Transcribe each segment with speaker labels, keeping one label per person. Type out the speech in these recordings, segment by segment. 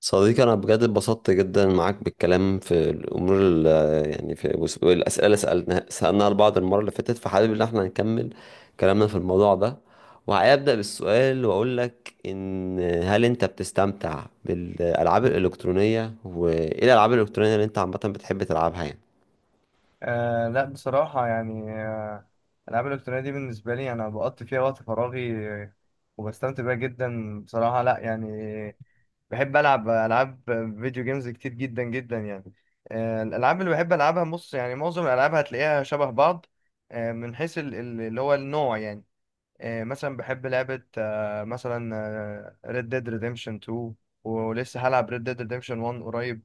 Speaker 1: صديقي أنا بجد اتبسطت جدا معاك بالكلام في الأمور والأسئلة اللي سألناها لبعض المرة اللي فاتت، فحابب إن احنا نكمل كلامنا في الموضوع ده. وهبدأ بالسؤال وأقول لك إن هل أنت بتستمتع بالألعاب الإلكترونية؟ وإيه الألعاب الإلكترونية اللي أنت عامة بتحب تلعبها يعني؟
Speaker 2: لا بصراحة يعني، الألعاب الإلكترونية دي بالنسبة لي أنا بقضي فيها وقت فراغي، وبستمتع بيها جدا بصراحة. لا يعني بحب ألعب ألعاب فيديو جيمز كتير جدا جدا يعني. الألعاب اللي بحب ألعبها بص، يعني معظم الألعاب هتلاقيها شبه بعض، من حيث اللي هو النوع يعني. مثلا بحب لعبة، مثلا ريد ديد ريديمشن 2، ولسه هلعب ريد ديد ريديمشن 1 قريب،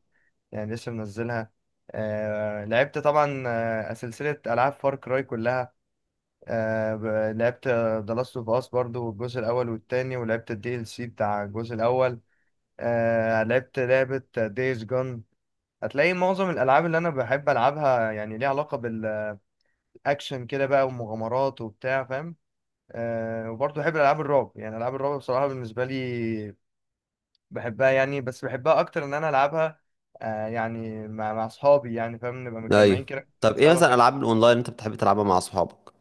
Speaker 2: يعني لسه منزلها. لعبت طبعا، سلسلة ألعاب فار كراي كلها. لعبت ذا لاست اوف اس برضو الجزء الأول والتاني، ولعبت الدي ال سي بتاع الجزء الأول. لعبت لعبة دايز جون. هتلاقي معظم الألعاب اللي أنا بحب ألعبها يعني ليها علاقة بالأكشن كده بقى ومغامرات وبتاع، فاهم؟ وبرضه بحب ألعاب الرعب، يعني ألعاب الرعب بصراحة بالنسبة لي بحبها يعني، بس بحبها اكتر ان انا العبها، يعني مع اصحابي يعني، فاهم؟ نبقى متجمعين
Speaker 1: ايوه.
Speaker 2: كده
Speaker 1: طب إيه
Speaker 2: سوا،
Speaker 1: مثلا
Speaker 2: فاهم؟
Speaker 1: الألعاب الأونلاين اللي أنت بتحب تلعبها مع أصحابك؟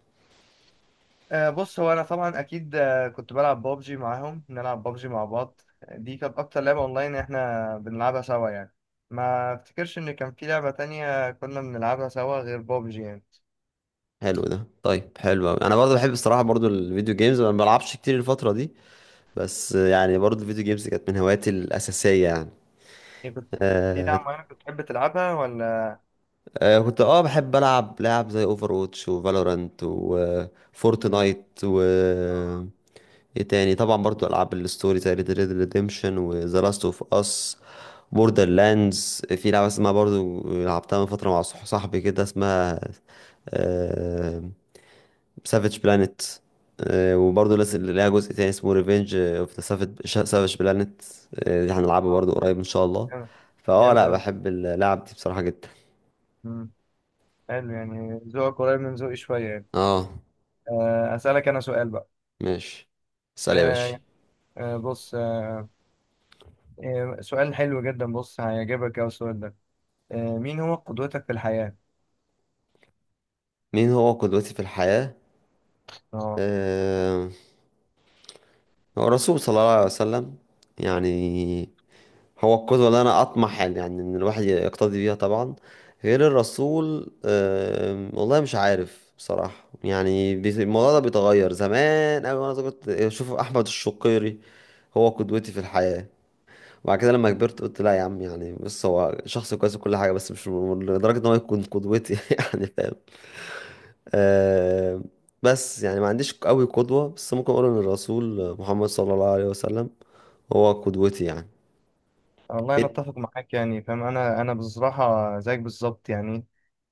Speaker 2: بص، هو انا طبعا اكيد، كنت بلعب بابجي معاهم، بنلعب بابجي مع بعض. دي كانت اكتر لعبة اونلاين احنا بنلعبها سوا يعني. ما افتكرش ان كان في لعبة تانية كنا بنلعبها سوا غير بابجي يعني.
Speaker 1: حلو ده، طيب حلو أوي. أنا برضه بحب الصراحة، برضه الفيديو جيمز، أنا ما بلعبش كتير الفترة دي، بس يعني برضه الفيديو جيمز كانت من هواياتي الأساسية يعني.
Speaker 2: إيه، كنت في
Speaker 1: آه.
Speaker 2: لعبة معينة كنت بتحب تلعبها ولا؟
Speaker 1: كنت بحب ألعب لعب زي اوفر ووتش وفالورانت
Speaker 2: آه،
Speaker 1: وفورتنايت، و آه، ايه تاني، طبعا برضه ألعاب الستوري زي ريد ريد ريديمشن وذا لاست اوف اس بوردر لاندز. في لعبة اسمها برضه لعبتها من فترة مع صاحبي كده، اسمها آه، سافيج بلانيت، وبرضه لسه ليها جزء تاني اسمه ريفينج اوف ذا سافيج بلانيت، دي هنلعبه برضه قريب ان شاء الله.
Speaker 2: جامد. جامد
Speaker 1: لا
Speaker 2: أوي.
Speaker 1: بحب اللعب دي بصراحة جدا.
Speaker 2: مم. حلو، يعني ذوقك قريب من ذوقي شوية يعني.
Speaker 1: اه،
Speaker 2: أسألك أنا سؤال بقى.
Speaker 1: ماشي. اسأل يا باشا.
Speaker 2: آه، بص، سؤال حلو جدا، بص هيعجبك أوي السؤال ده. مين هو قدوتك في الحياة؟
Speaker 1: مين هو قدوتي في الحياة؟
Speaker 2: اه.
Speaker 1: آه، هو الرسول صلى الله عليه وسلم يعني. هو القدوة اللي أنا أطمح يعني إن الواحد يقتدي بيها طبعا. غير الرسول، والله مش عارف بصراحة يعني، الموضوع ده بيتغير. زمان أوي وأنا صغير كنت أشوف أحمد الشقيري هو قدوتي في الحياة، وبعد كده لما كبرت قلت لا يا عم، يعني بص هو شخص كويس وكل حاجة بس مش م- لدرجة إن هو يكون قدوتي يعني فاهم. آم، بس يعني ما عنديش قوي قدوة، بس ممكن أقول إن الرسول محمد صلى الله عليه وسلم هو قدوتي يعني.
Speaker 2: والله أنا
Speaker 1: إنت-
Speaker 2: أتفق معاك، يعني فاهم، أنا بصراحة زيك بالظبط يعني.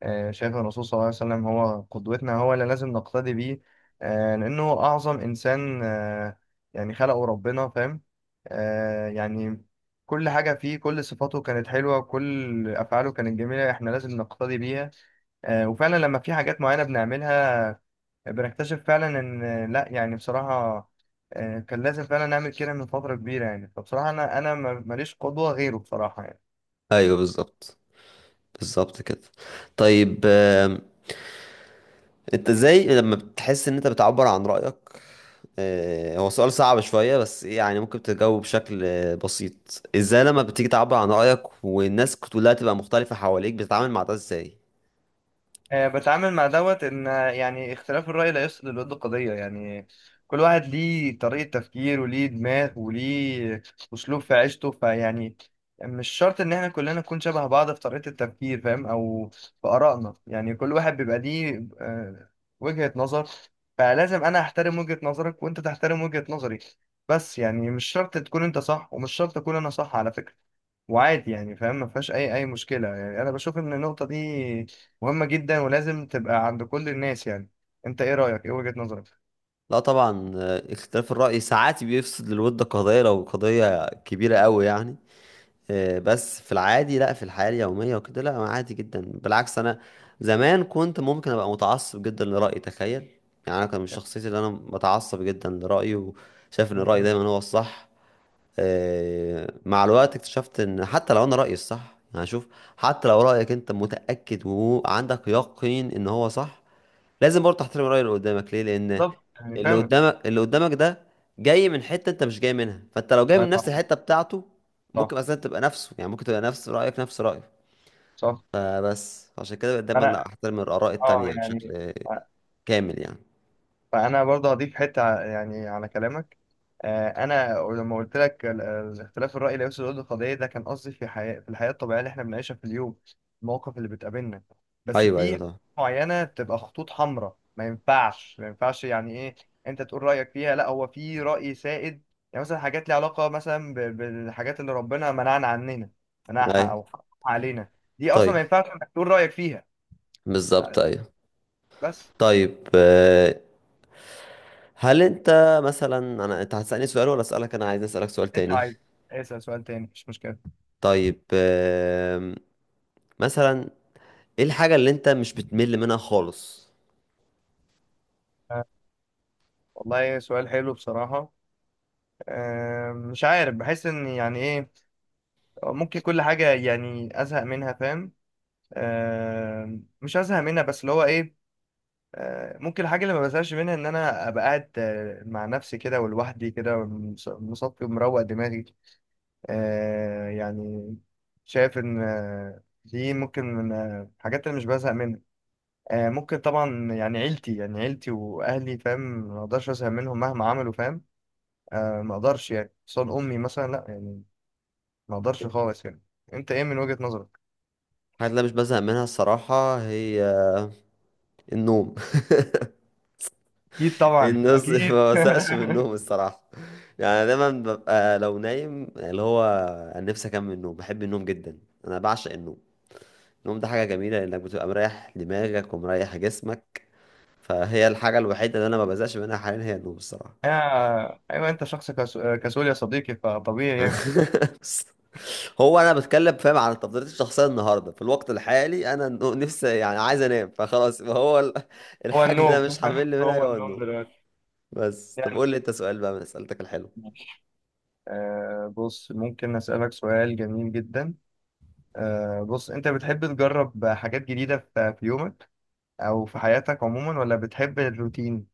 Speaker 2: شايف الرسول صلى الله عليه وسلم هو قدوتنا، هو اللي لازم نقتدي بيه. لأنه هو أعظم إنسان، يعني خلقه ربنا، فاهم؟ يعني كل حاجة فيه، كل صفاته كانت حلوة، كل أفعاله كانت جميلة، إحنا لازم نقتدي بيها. وفعلا لما في حاجات معينة بنعملها بنكتشف فعلا ان لا يعني بصراحة، كان لازم فعلا نعمل كده من فترة كبيرة يعني. فبصراحة انا ماليش قدوة غيره بصراحة يعني.
Speaker 1: ايوه بالظبط، بالظبط كده. طيب، انت ازاي لما بتحس ان انت بتعبر عن رأيك، هو سؤال صعب شوية بس يعني ممكن تجاوب بشكل بسيط، ازاي لما بتيجي تعبر عن رأيك والناس كلها تبقى مختلفة حواليك بتتعامل مع ده ازاي؟
Speaker 2: بتعامل مع دوت ان، يعني اختلاف الرأي لا يفسد للود قضية يعني. كل واحد ليه طريقة تفكير، وليه دماغ، وليه اسلوب في عيشته، فيعني مش شرط ان احنا كلنا نكون شبه بعض في طريقة التفكير، فاهم؟ او في آرائنا، يعني كل واحد بيبقى ليه وجهة نظر. فلازم انا احترم وجهة نظرك، وانت تحترم وجهة نظري. بس يعني مش شرط تكون انت صح، ومش شرط اكون انا صح على فكرة. وعادي يعني، فاهم؟ ما فيهاش اي مشكله يعني. انا بشوف ان النقطه دي مهمه جدا ولازم تبقى عند كل الناس يعني. انت ايه رايك؟ ايه وجهه نظرك؟
Speaker 1: لا طبعا، اختلاف الرأي ساعات بيفسد للود قضية لو قضية كبيرة قوي يعني. بس في العادي لا، في الحياة اليومية وكده لا، أنا عادي جدا. بالعكس، أنا زمان كنت ممكن أبقى متعصب جدا لرأيي، تخيل. يعني أنا كان من شخصيتي اللي أنا بتعصب جدا لرأيي وشايف إن
Speaker 2: م-
Speaker 1: الرأي
Speaker 2: م.
Speaker 1: دايما هو الصح. مع الوقت اكتشفت ان حتى لو انا رأيي الصح، يعني شوف، حتى لو رأيك انت متأكد وعندك يقين ان هو صح، لازم برضه تحترم الرأي اللي قدامك. ليه؟ لان
Speaker 2: بالظبط يعني
Speaker 1: اللي
Speaker 2: فعلا.
Speaker 1: قدامك اللي قدامك ده جاي من حتة انت مش جاي منها، فانت لو جاي
Speaker 2: الله
Speaker 1: من نفس
Speaker 2: يبارك.
Speaker 1: الحتة بتاعته
Speaker 2: صح.
Speaker 1: ممكن اصلا تبقى نفسه، يعني ممكن تبقى نفس رأيك نفس رأيه.
Speaker 2: صح.
Speaker 1: فبس عشان كده بقيت دايما لا،
Speaker 2: انا،
Speaker 1: احترم الآراء
Speaker 2: اه
Speaker 1: التانية
Speaker 2: يعني
Speaker 1: بشكل كامل يعني.
Speaker 2: فانا برضه هضيف حته يعني على كلامك. انا لما قلت لك اختلاف الراي لا يفسد الود قضيه، ده كان قصدي في الحياه الطبيعيه اللي احنا بنعيشها في اليوم. المواقف اللي بتقابلنا، بس
Speaker 1: ايوه، ايوه
Speaker 2: في
Speaker 1: طبعا.
Speaker 2: معينه بتبقى خطوط حمراء، ما ينفعش، ما ينفعش يعني ايه، انت تقول رايك فيها. لا، هو في راي سائد. يعني مثلا حاجات ليها علاقه مثلا بالحاجات اللي ربنا منعنا عننا، منعها
Speaker 1: ايوه.
Speaker 2: او حرمها علينا، دي اصلا ما
Speaker 1: طيب
Speaker 2: ينفعش انك تقول رايك فيها.
Speaker 1: بالظبط، ايوه.
Speaker 2: بس.
Speaker 1: طيب، هل انت مثلا، انا انت هتسألني سؤال ولا اسألك؟ انا عايز اسألك سؤال
Speaker 2: انت
Speaker 1: تاني.
Speaker 2: عايز اسال سؤال تاني، مش مشكله.
Speaker 1: طيب، مثلا ايه الحاجة اللي انت مش بتمل منها خالص؟
Speaker 2: والله سؤال حلو بصراحة. مش عارف. بحس ان يعني ايه، ممكن كل حاجة يعني ازهق منها، فاهم؟ مش ازهق منها، بس اللي هو ايه، ممكن الحاجة اللي ما بزهقش منها ان انا ابقى قاعد، مع نفسي كده ولوحدي كده، مصفي ومروق دماغي، يعني. شايف ان دي ممكن من الحاجات اللي مش بزهق منها. ممكن طبعا يعني عيلتي، يعني عيلتي واهلي، فاهم؟ ما اقدرش ازهق منهم مهما عملوا، فاهم؟ ما اقدرش يعني صاد امي مثلا، لا يعني، ما اقدرش خالص يعني. انت ايه من وجهة نظرك؟
Speaker 1: الحاجة اللي أنا مش بزهق منها الصراحة هي النوم.
Speaker 2: اكيد طبعا
Speaker 1: الناس
Speaker 2: اكيد.
Speaker 1: ما بزهقش من النوم الصراحة، يعني أنا دايما ببقى لو نايم اللي هو انا نفسي اكمل النوم. بحب النوم جدا، انا بعشق النوم. النوم ده حاجة جميلة لانك بتبقى مريح دماغك ومريح جسمك. فهي الحاجة الوحيدة اللي انا ما بزهقش منها حاليا هي النوم الصراحة.
Speaker 2: ايوه، انت شخص كسول يا صديقي، فطبيعي يعني.
Speaker 1: هو انا بتكلم فاهم على تفضيلاتي الشخصيه النهارده في الوقت الحالي، انا نفسي يعني عايز انام فخلاص.
Speaker 2: هو
Speaker 1: الحاجه اللي انا
Speaker 2: النوم.
Speaker 1: مش هعمل منها
Speaker 2: هو
Speaker 1: هو
Speaker 2: النوم
Speaker 1: النوم.
Speaker 2: دلوقتي.
Speaker 1: بس طب
Speaker 2: يعني،
Speaker 1: قول لي انت سؤال بقى من اسئلتك الحلوه.
Speaker 2: بص ممكن اسالك سؤال جميل جدا. بص، انت بتحب تجرب حاجات جديدة في يومك او في حياتك عموما، ولا بتحب الروتين؟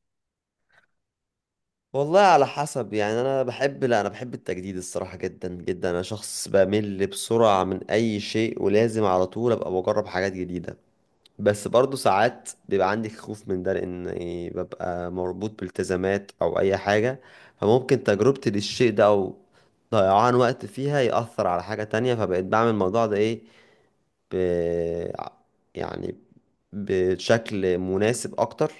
Speaker 1: والله على حسب يعني، انا بحب لا انا بحب التجديد الصراحه جدا جدا. انا شخص بمل بسرعه من اي شيء، ولازم على طول ابقى بجرب حاجات جديده. بس برضو ساعات بيبقى عندي خوف من ده، لان إيه، ببقى مربوط بالتزامات او اي حاجة، فممكن تجربتي للشيء ده او ضيعان وقت فيها يأثر على حاجة تانية. فبقيت بعمل الموضوع ده ايه، ب... يعني بشكل مناسب اكتر.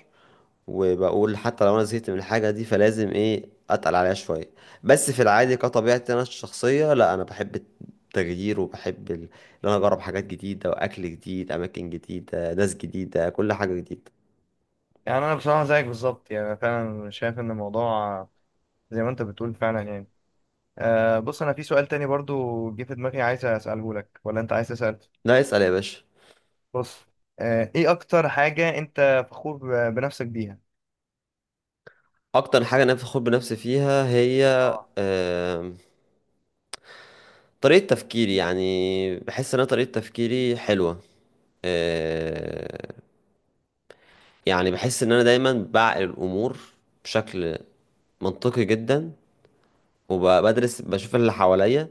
Speaker 1: وبقول حتى لو انا زهقت من الحاجه دي فلازم ايه، اتقل عليها شويه. بس في العادي كطبيعتي انا الشخصيه لا، انا بحب التغيير وبحب ال- ان انا اجرب حاجات جديده، واكل جديد، اماكن جديده، ناس جديده، كل حاجه جديده.
Speaker 2: يعني انا بصراحة زيك بالظبط يعني، فعلا شايف ان الموضوع زي ما انت بتقول فعلا يعني. بص، انا في سؤال تاني برضو جه في دماغي عايز اساله لك، ولا انت عايز تسال؟
Speaker 1: لا اسال يا باشا.
Speaker 2: بص، ايه اكتر حاجه انت فخور بنفسك بيها؟
Speaker 1: اكتر حاجه انا بفخر بنفسي فيها هي،
Speaker 2: اه.
Speaker 1: آم، طريقه تفكيري. يعني بحس ان انا طريقه تفكيري حلوه. آه، يعني بحس ان انا دايما بعقل الامور بشكل منطقي جدا، وبدرس بشوف اللي حواليا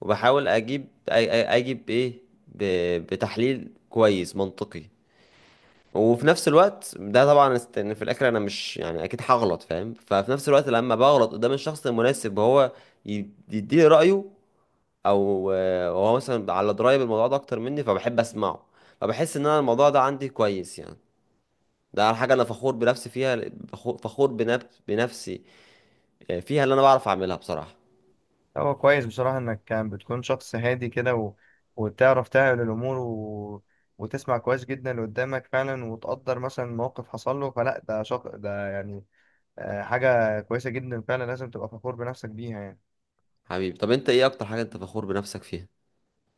Speaker 1: وبحاول اجيب اجيب ايه، بتحليل كويس منطقي. وفي نفس الوقت ده طبعا ان في الاخر انا مش يعني اكيد هغلط فاهم، ففي نفس الوقت لما بغلط قدام الشخص المناسب وهو يديني رايه، او هو مثلا على درايه بالموضوع ده اكتر مني فبحب اسمعه. فبحس ان انا الموضوع ده عندي كويس يعني. ده على حاجه انا فخور بنفسي فيها، فخور بنفسي فيها، اللي انا بعرف اعملها بصراحه.
Speaker 2: هو كويس بصراحه انك كان بتكون شخص هادي كده، و... وبتعرف تعمل الامور، و... وتسمع كويس جدا اللي قدامك فعلا، وتقدر مثلا موقف حصل له فلا ده شخص، ده يعني، حاجه كويسه جدا فعلا، لازم تبقى فخور بنفسك بيها يعني.
Speaker 1: حبيبي، طب انت ايه اكتر حاجة انت فخور بنفسك فيها؟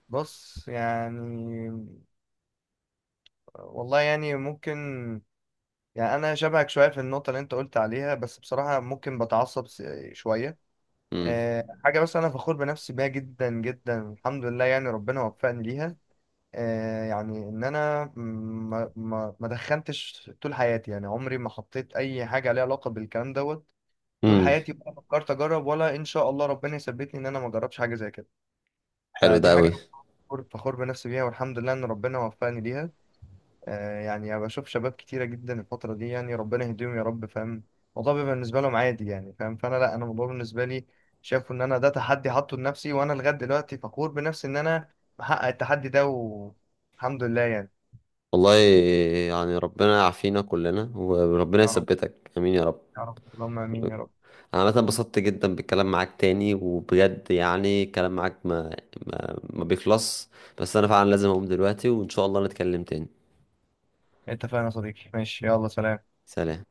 Speaker 2: بص يعني، والله يعني ممكن، يعني انا شبهك شويه في النقطه اللي انت قلت عليها، بس بصراحه ممكن بتعصب شويه.
Speaker 1: امم.
Speaker 2: حاجه بس انا فخور بنفسي بيها جدا جدا، الحمد لله، يعني ربنا وفقني ليها. يعني ان انا ما دخنتش طول حياتي يعني، عمري ما حطيت اي حاجه ليها علاقه بالكلام دوت طول
Speaker 1: امم.
Speaker 2: حياتي، ولا فكرت اجرب، ولا ان شاء الله ربنا يثبتني ان انا ما اجربش حاجه زي كده.
Speaker 1: حلو ده
Speaker 2: فدي حاجه
Speaker 1: قوي.
Speaker 2: انا فخور بنفسي بيها، والحمد لله ان ربنا وفقني ليها. يعني أنا بشوف شباب كتيرة جدا الفترة دي، يعني ربنا يهديهم يا رب، فاهم؟ الموضوع بيبقى بالنسبة لهم عادي يعني، فاهم؟ فأنا لا، أنا الموضوع بالنسبة لي شايفه إن أنا ده تحدي حاطه لنفسي، وأنا لغاية دلوقتي فخور بنفسي إن أنا محقق التحدي ده والحمد لله يعني.
Speaker 1: والله يعني ربنا يعافينا كلنا وربنا
Speaker 2: يا رب.
Speaker 1: يثبتك، امين يا رب.
Speaker 2: يا رب اللهم آمين يا رب.
Speaker 1: انا عامه انبسطت جدا بالكلام معاك تاني، وبجد يعني الكلام معاك ما بيخلص، بس انا فعلا لازم اقوم دلوقتي، وان شاء الله نتكلم تاني.
Speaker 2: اتفقنا يا صديقي، ماشي، يلا سلام.
Speaker 1: سلام.